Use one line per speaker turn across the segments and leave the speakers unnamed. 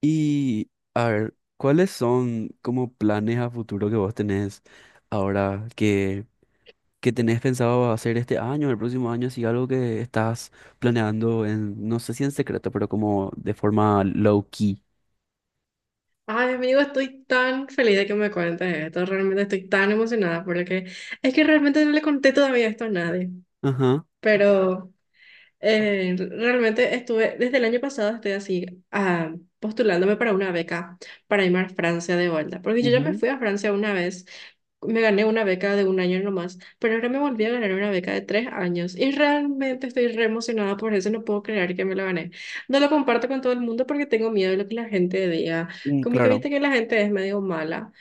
Y a ver, ¿cuáles son como planes a futuro que vos tenés ahora que tenés pensado hacer este año, el próximo año, si algo que estás planeando en, no sé si en secreto, pero como de forma low key?
Ay, amigo, estoy tan feliz de que me cuentes esto. Realmente estoy tan emocionada por lo que. Es que realmente no le conté todavía esto a nadie.
Ajá.
Pero realmente estuve, desde el año pasado estoy así, postulándome para una beca para irme a Francia de vuelta, porque yo ya me
Ujú.
fui a Francia una vez, me gané una beca de un año nomás, pero ahora me volví a ganar una beca de 3 años y realmente estoy re emocionada por eso, no puedo creer que me lo gané. No lo comparto con todo el mundo porque tengo miedo de lo que la gente diga,
Mm,
como que
claro.
viste que la gente es medio mala,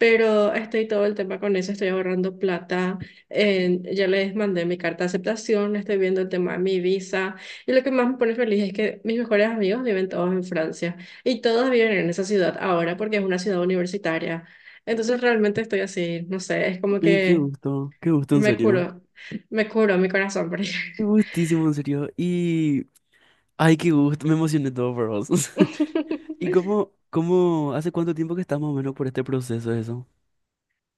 pero estoy todo el tema con eso, estoy ahorrando plata, ya les mandé mi carta de aceptación, estoy viendo el tema de mi visa y lo que más me pone feliz es que mis mejores amigos viven todos en Francia y todos viven en esa ciudad ahora porque es una ciudad universitaria. Entonces realmente estoy así, no sé, es como
Ay,
que
qué gusto en
me
serio.
curo, me curo mi corazón por ahí.
Qué gustísimo en serio. Y ay, qué gusto, me emocioné todo por vos. ¿Y cómo, hace cuánto tiempo que estás más o menos por este proceso eso?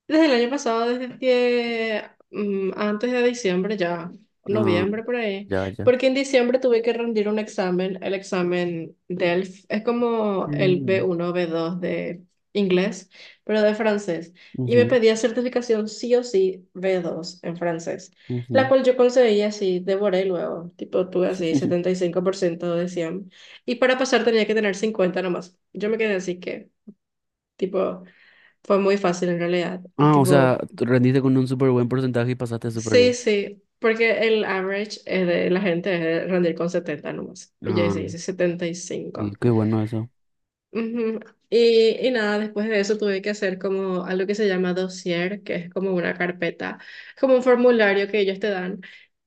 Desde el año pasado, desde que, antes de diciembre ya,
Ah,
noviembre por ahí,
ya, ya.
porque en diciembre tuve que rendir un examen, el examen DELF, es como el
Mm.
B1 B2 de inglés, pero de francés, y me
Ujú,
pedía certificación sí o sí B2 en francés, la
ujú.
cual yo conseguí así, devoré luego, tipo tuve así 75% de 100, y para pasar tenía que tener 50 nomás, yo me quedé así que, tipo... Fue muy fácil en realidad.
Ah, o sea,
Tipo,
tú rendiste con un súper buen porcentaje y pasaste súper
sí,
bien.
sí, porque el average es de la gente es de rendir con 70 nomás. Y yo
Ah,
hice setenta y
y
cinco.
qué bueno eso.
Ujú. Y nada, después de eso tuve que hacer como algo que se llama dossier, que es como una carpeta, como un formulario que ellos te dan,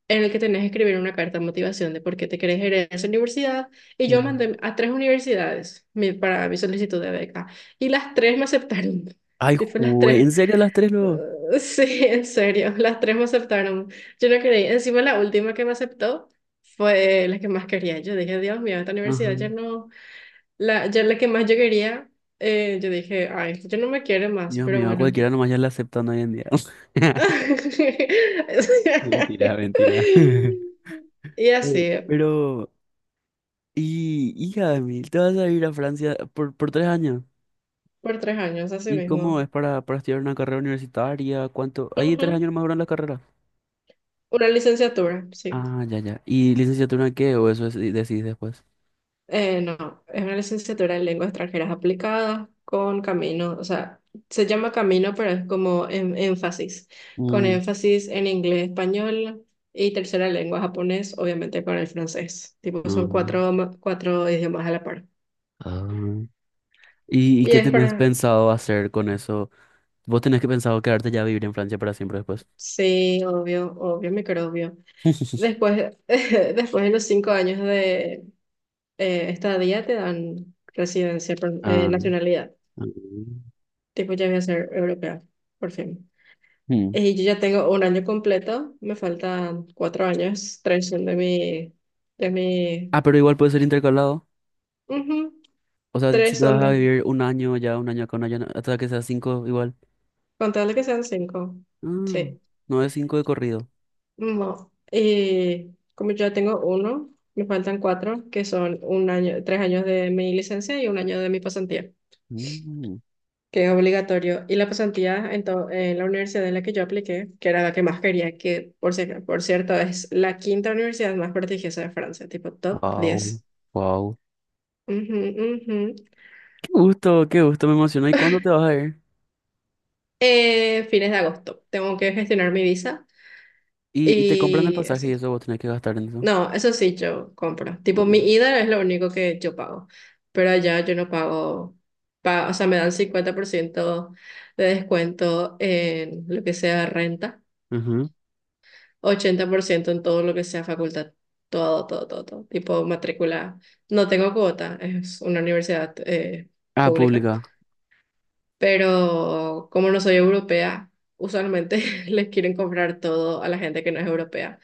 en el que tenés que escribir una carta de motivación de por qué te querés ir a esa universidad. Y yo
Ujú.
mandé a tres universidades para mi solicitud de beca. Y las tres me aceptaron.
Ay,
Tipo, las
jugué, ¿en
tres.
serio las tres luego?
Sí, en serio, las tres me aceptaron. Yo no creí. Encima la última que me aceptó fue la que más quería. Yo dije, Dios mío, esta universidad ya
Ajá.
no, la que más yo quería, yo dije, ay, yo no me quiere más,
Dios
pero
mío, a
bueno.
cualquiera nomás ya la aceptan hoy en día. Mentira, mentira.
Y así,
Pero, y, hija de mí, te vas a ir a Francia por tres años.
por 3 años, así
¿Y cómo
mismo.
es para estudiar una carrera universitaria? ¿Cuánto? Ahí tres
Ujú.
años más duran la carrera.
Una licenciatura, sí.
Ah, ya, ya. ¿Y licenciatura en qué? ¿O decidís después?
No, es una licenciatura en lenguas extranjeras aplicadas con camino, o sea, se llama camino, pero es como énfasis, con énfasis en inglés, español y tercera lengua japonés, obviamente con el francés. Tipo, son
No.
cuatro, cuatro idiomas a la par.
Ah. ¿Y
Y
qué
es
tenés
para,
pensado hacer con eso? ¿Vos tenés que pensado quedarte ya a vivir en Francia para siempre después?
sí, obvio, obvio, microbio. Después, después de los 5 años de estadía te dan residencia,
Ah,
nacionalidad.
ah.
Tipo, ya voy a ser europea, por fin.
Hmm.
Yo ya tengo un año completo, me faltan 4 años, tres son de mi,
Ah, pero igual puede ser intercalado.
ujú,
O sea, si
tres
te vas
son
a
de,
vivir un año ya, un año acá, hasta que sea cinco igual.
contarle que sean cinco,
Ah,
sí,
no es cinco de corrido.
no, como ya tengo uno, me faltan cuatro, que son un año, 3 años de mi licencia y un año de mi pasantía,
Mm.
que es obligatorio, y la pasantía en la universidad en la que yo apliqué, que era la que más quería, que por, si- por cierto es la quinta universidad más prestigiosa de Francia, tipo top
Wow,
diez
wow.
Ujú, ujú.
Qué gusto, me emociona. ¿Y cuándo te vas a ir?
Fines de agosto. Tengo que gestionar mi visa
Y te compran el
y
pasaje y
eso.
eso vos tenés que gastar en eso.
No, eso sí, yo compro. Tipo, mi
Mm,
ida es lo único que yo pago, pero allá yo no pago, o sea, me dan 50% de descuento en lo que sea renta,
ujú.
80% en todo lo que sea facultad, todo, todo, todo, todo. Tipo, matrícula. No tengo cuota, es una universidad
Ah,
pública.
pública.
Pero como no soy europea, usualmente les quieren comprar todo a la gente que no es europea.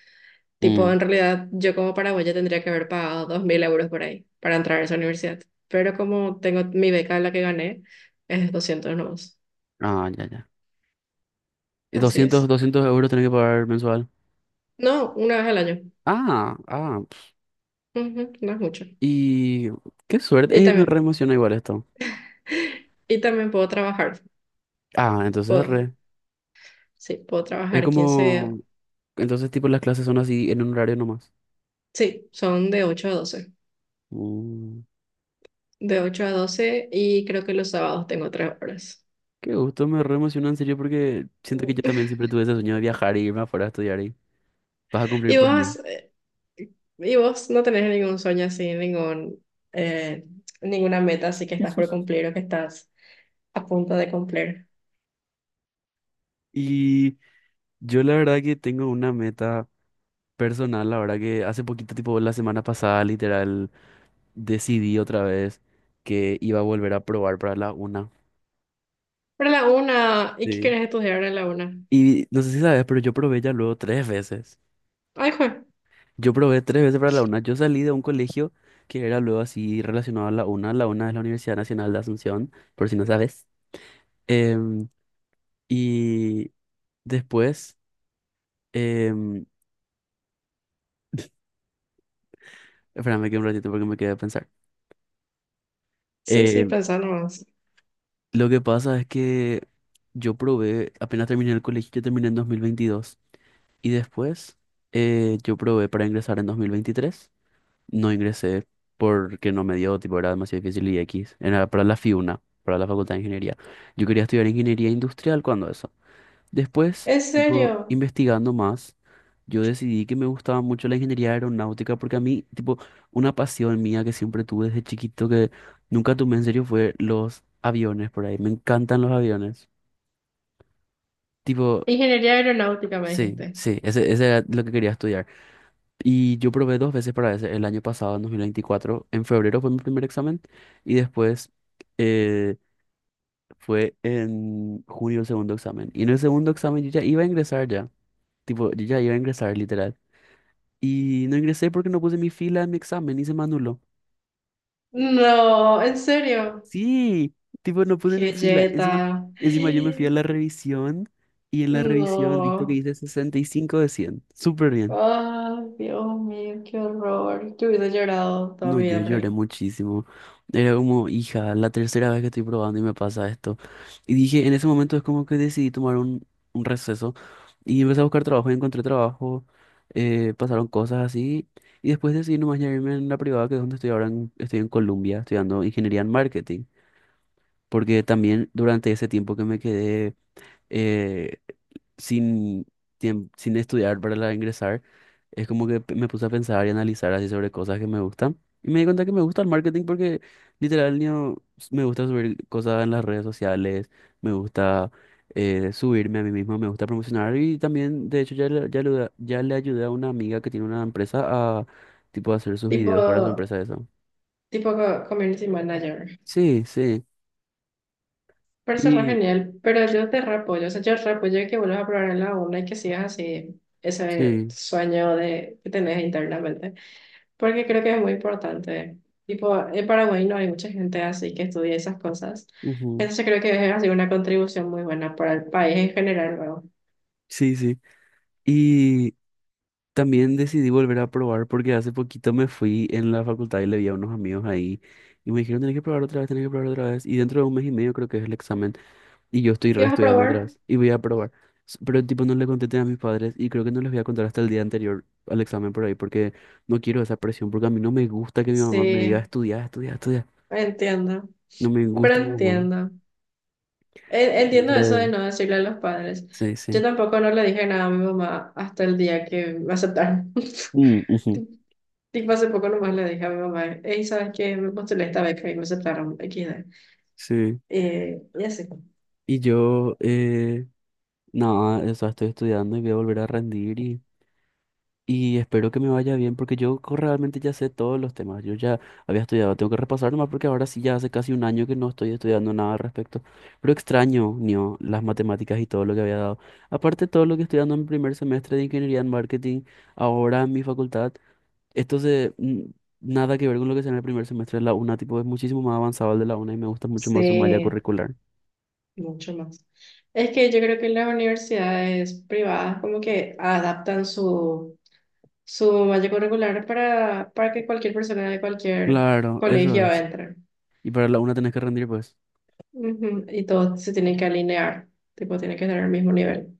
Tipo,
Mm.
en realidad, yo como paraguaya tendría que haber pagado 2.000 euros por ahí para entrar a esa universidad, pero como tengo mi beca, la que gané, es 200 nomás.
Ah, ya, ya. Y
Así
200
es.
200 euros tenés que pagar mensual.
No, una vez al año.
Ah, ah.
Ujú, no es mucho.
Y qué suerte.
Y
Me re
también,
emociona igual esto.
y también puedo trabajar.
Ah, entonces
Puedo,
re.
sí, puedo
Es
trabajar quince,
como... Entonces tipo las clases son así en un horario nomás.
sí, son de 8 a 12.
Mm,
De 8 a 12 y creo que los sábados tengo 3 horas.
qué gusto, me re emociona en serio porque siento que yo también siempre tuve ese sueño de viajar y irme afuera a estudiar y vas a cumplir
¿Y
por mí.
vos no tenés ningún sueño así, ningún, eh, ninguna meta así que estás por cumplir o que estás a punto de cumplir?
Y yo la verdad que tengo una meta personal, la verdad que hace poquito, tipo la semana pasada, literal, decidí otra vez que iba a volver a probar para la UNA.
Pero la una, ¿y qué
Sí.
querés estudiar en la una?
Y no sé si sabes, pero yo probé ya luego tres veces.
Ay, jue.
Yo probé tres veces para la UNA. Yo salí de un colegio que era luego así relacionado a la UNA. La UNA es la Universidad Nacional de Asunción, por si no sabes. Em, y después, em, espérame que un ratito porque me quedé a pensar.
Sí, sí,
Em,
pensá nomás.
lo que pasa es que yo probé, apenas terminé el colegio, yo terminé en 2022. Y después, yo probé para ingresar en 2023. No ingresé porque no me dio, tipo, era demasiado difícil y X. Era para la FIUNA, para la Facultad de Ingeniería. Yo quería estudiar ingeniería industrial cuando eso. Después,
¿En
tipo,
serio?
investigando más, yo decidí que me gustaba mucho la ingeniería aeronáutica porque a mí, tipo, una pasión mía que siempre tuve desde chiquito que nunca tomé en serio fue los aviones por ahí. Me encantan los aviones. Tipo,
Ingeniería aeronáutica me
sí,
dijiste.
sí, ese era lo que quería estudiar. Y yo probé dos veces para ese, el año pasado, en 2024. En febrero fue mi primer examen y después, eh, fue en junio el segundo examen. Y en el segundo examen yo ya iba a ingresar ya. Tipo, yo ya iba a ingresar, literal. Y no ingresé porque no puse mi fila en mi examen y se me anuló.
No, en serio.
Sí, tipo, no puse mi
Qué
fila.
jeta.
Encima, encima yo me fui a la revisión y en la revisión, visto que
No.
hice 65 de 100. Súper bien.
Ay, Dios mío, qué horror. Yo hubiese llorado toda
No,
mi
yo
vida por
lloré
ahí.
muchísimo. Era como, hija, la tercera vez que estoy probando y me pasa esto. Y dije, en ese momento es como que decidí tomar un receso y empecé a buscar trabajo y encontré trabajo. Pasaron cosas así. Y después decidí nomás ya irme en la privada, que es donde estoy ahora. Estoy en Colombia estudiando ingeniería en marketing. Porque también durante ese tiempo que me quedé eh, sin, sin estudiar para la ingresar. Es como que me puse a pensar y analizar así sobre cosas que me gustan. Y me di cuenta que me gusta el marketing porque literal me gusta subir cosas en las redes sociales, me gusta subirme a mí mismo, me gusta promocionar y también, de hecho, ya le ayudé a una amiga que tiene una empresa a tipo hacer sus
Tipo,
videos para su empresa eso.
community manager.
Sí, sí.
Parece re
Y
genial, pero yo te re, o sea, yo re apoyo que vuelvas a probar en la una y que sigas así ese
sí.
sueño de, que tenés internamente, porque creo que es muy importante. Tipo, en Paraguay no hay mucha gente así que estudia esas cosas,
Ujú.
entonces creo que es así una contribución muy buena para el país en general luego.
Sí, sí. También decidí volver a probar porque hace poquito me fui en la facultad y le vi a unos amigos ahí y me dijeron, tenés que probar otra vez, tenés que probar otra vez. Y dentro de un mes y medio creo que es el examen y yo estoy
¿Y vas a
reestudiando otra
probar?
vez y voy a probar. Pero tipo no le conté a mis padres y creo que no les voy a contar hasta el día anterior al examen por ahí porque no quiero esa presión porque a mí no me gusta que mi mamá me diga
Sí,
estudiar, estudiar, estudiar.
entiendo,
No me
pero
gusta, mamá.
entiendo. Entiendo eso de
Entonces,
no decirle a los padres.
sí,
Yo
sí.
tampoco no le dije nada a mi mamá hasta el día que me aceptaron.
Mm, ujú.
Tipo, hace poco nomás le dije a mi mamá, hey, ¿sabes qué? Me postulé esta beca y me aceptaron XD.
Sí.
Y así.
Y yo, nada, eso estoy estudiando y voy a volver a rendir y... Y espero que me vaya bien porque realmente ya sé todos los temas. Yo ya había estudiado, tengo que repasar nomás porque ahora sí ya hace casi un año que no estoy estudiando nada al respecto. Pero extraño, Nio, las matemáticas y todo lo que había dado. Aparte todo lo que estoy dando en mi primer semestre de ingeniería en marketing, ahora en mi facultad, esto nada que ver con lo que sea en el primer semestre de la UNA, tipo es muchísimo más avanzado el de la UNA y me gusta mucho más su malla
Sí,
curricular.
mucho más. Es que yo creo que las universidades privadas como que adaptan su malla curricular para que cualquier persona de cualquier
Claro, eso
colegio
es.
entre.
Y para la UNA tenés que rendir, pues.
Ujú, y todos se tienen que alinear, tipo, tienen que tener el mismo nivel.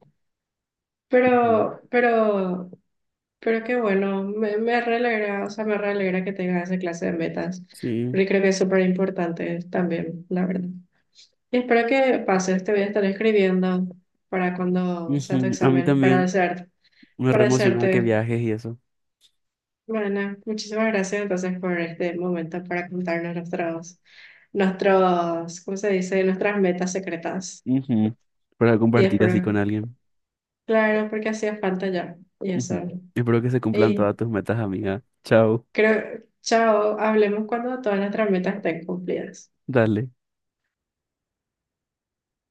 Ujú.
Pero, pero, pero qué bueno, me re alegra, o sea, me re alegra que tengas esa clase de metas,
Sí.
porque creo que es súper importante también, la verdad. Y espero que pases, te voy a estar escribiendo para cuando sea tu
Ujú, a mí
examen, para
también.
desearte,
Me re
para
emociona que
desearte.
viajes y eso.
Bueno, muchísimas gracias entonces por este momento para contarnos ¿cómo se dice? Nuestras metas secretas.
Ujú, para
Y
compartir así
espero,
con alguien.
claro, porque hacía falta ya, y eso.
Ujú. Espero que se cumplan todas
Y
tus metas, amiga. Chao,
Creo, chao, hablemos cuando todas nuestras metas estén cumplidas.
dale.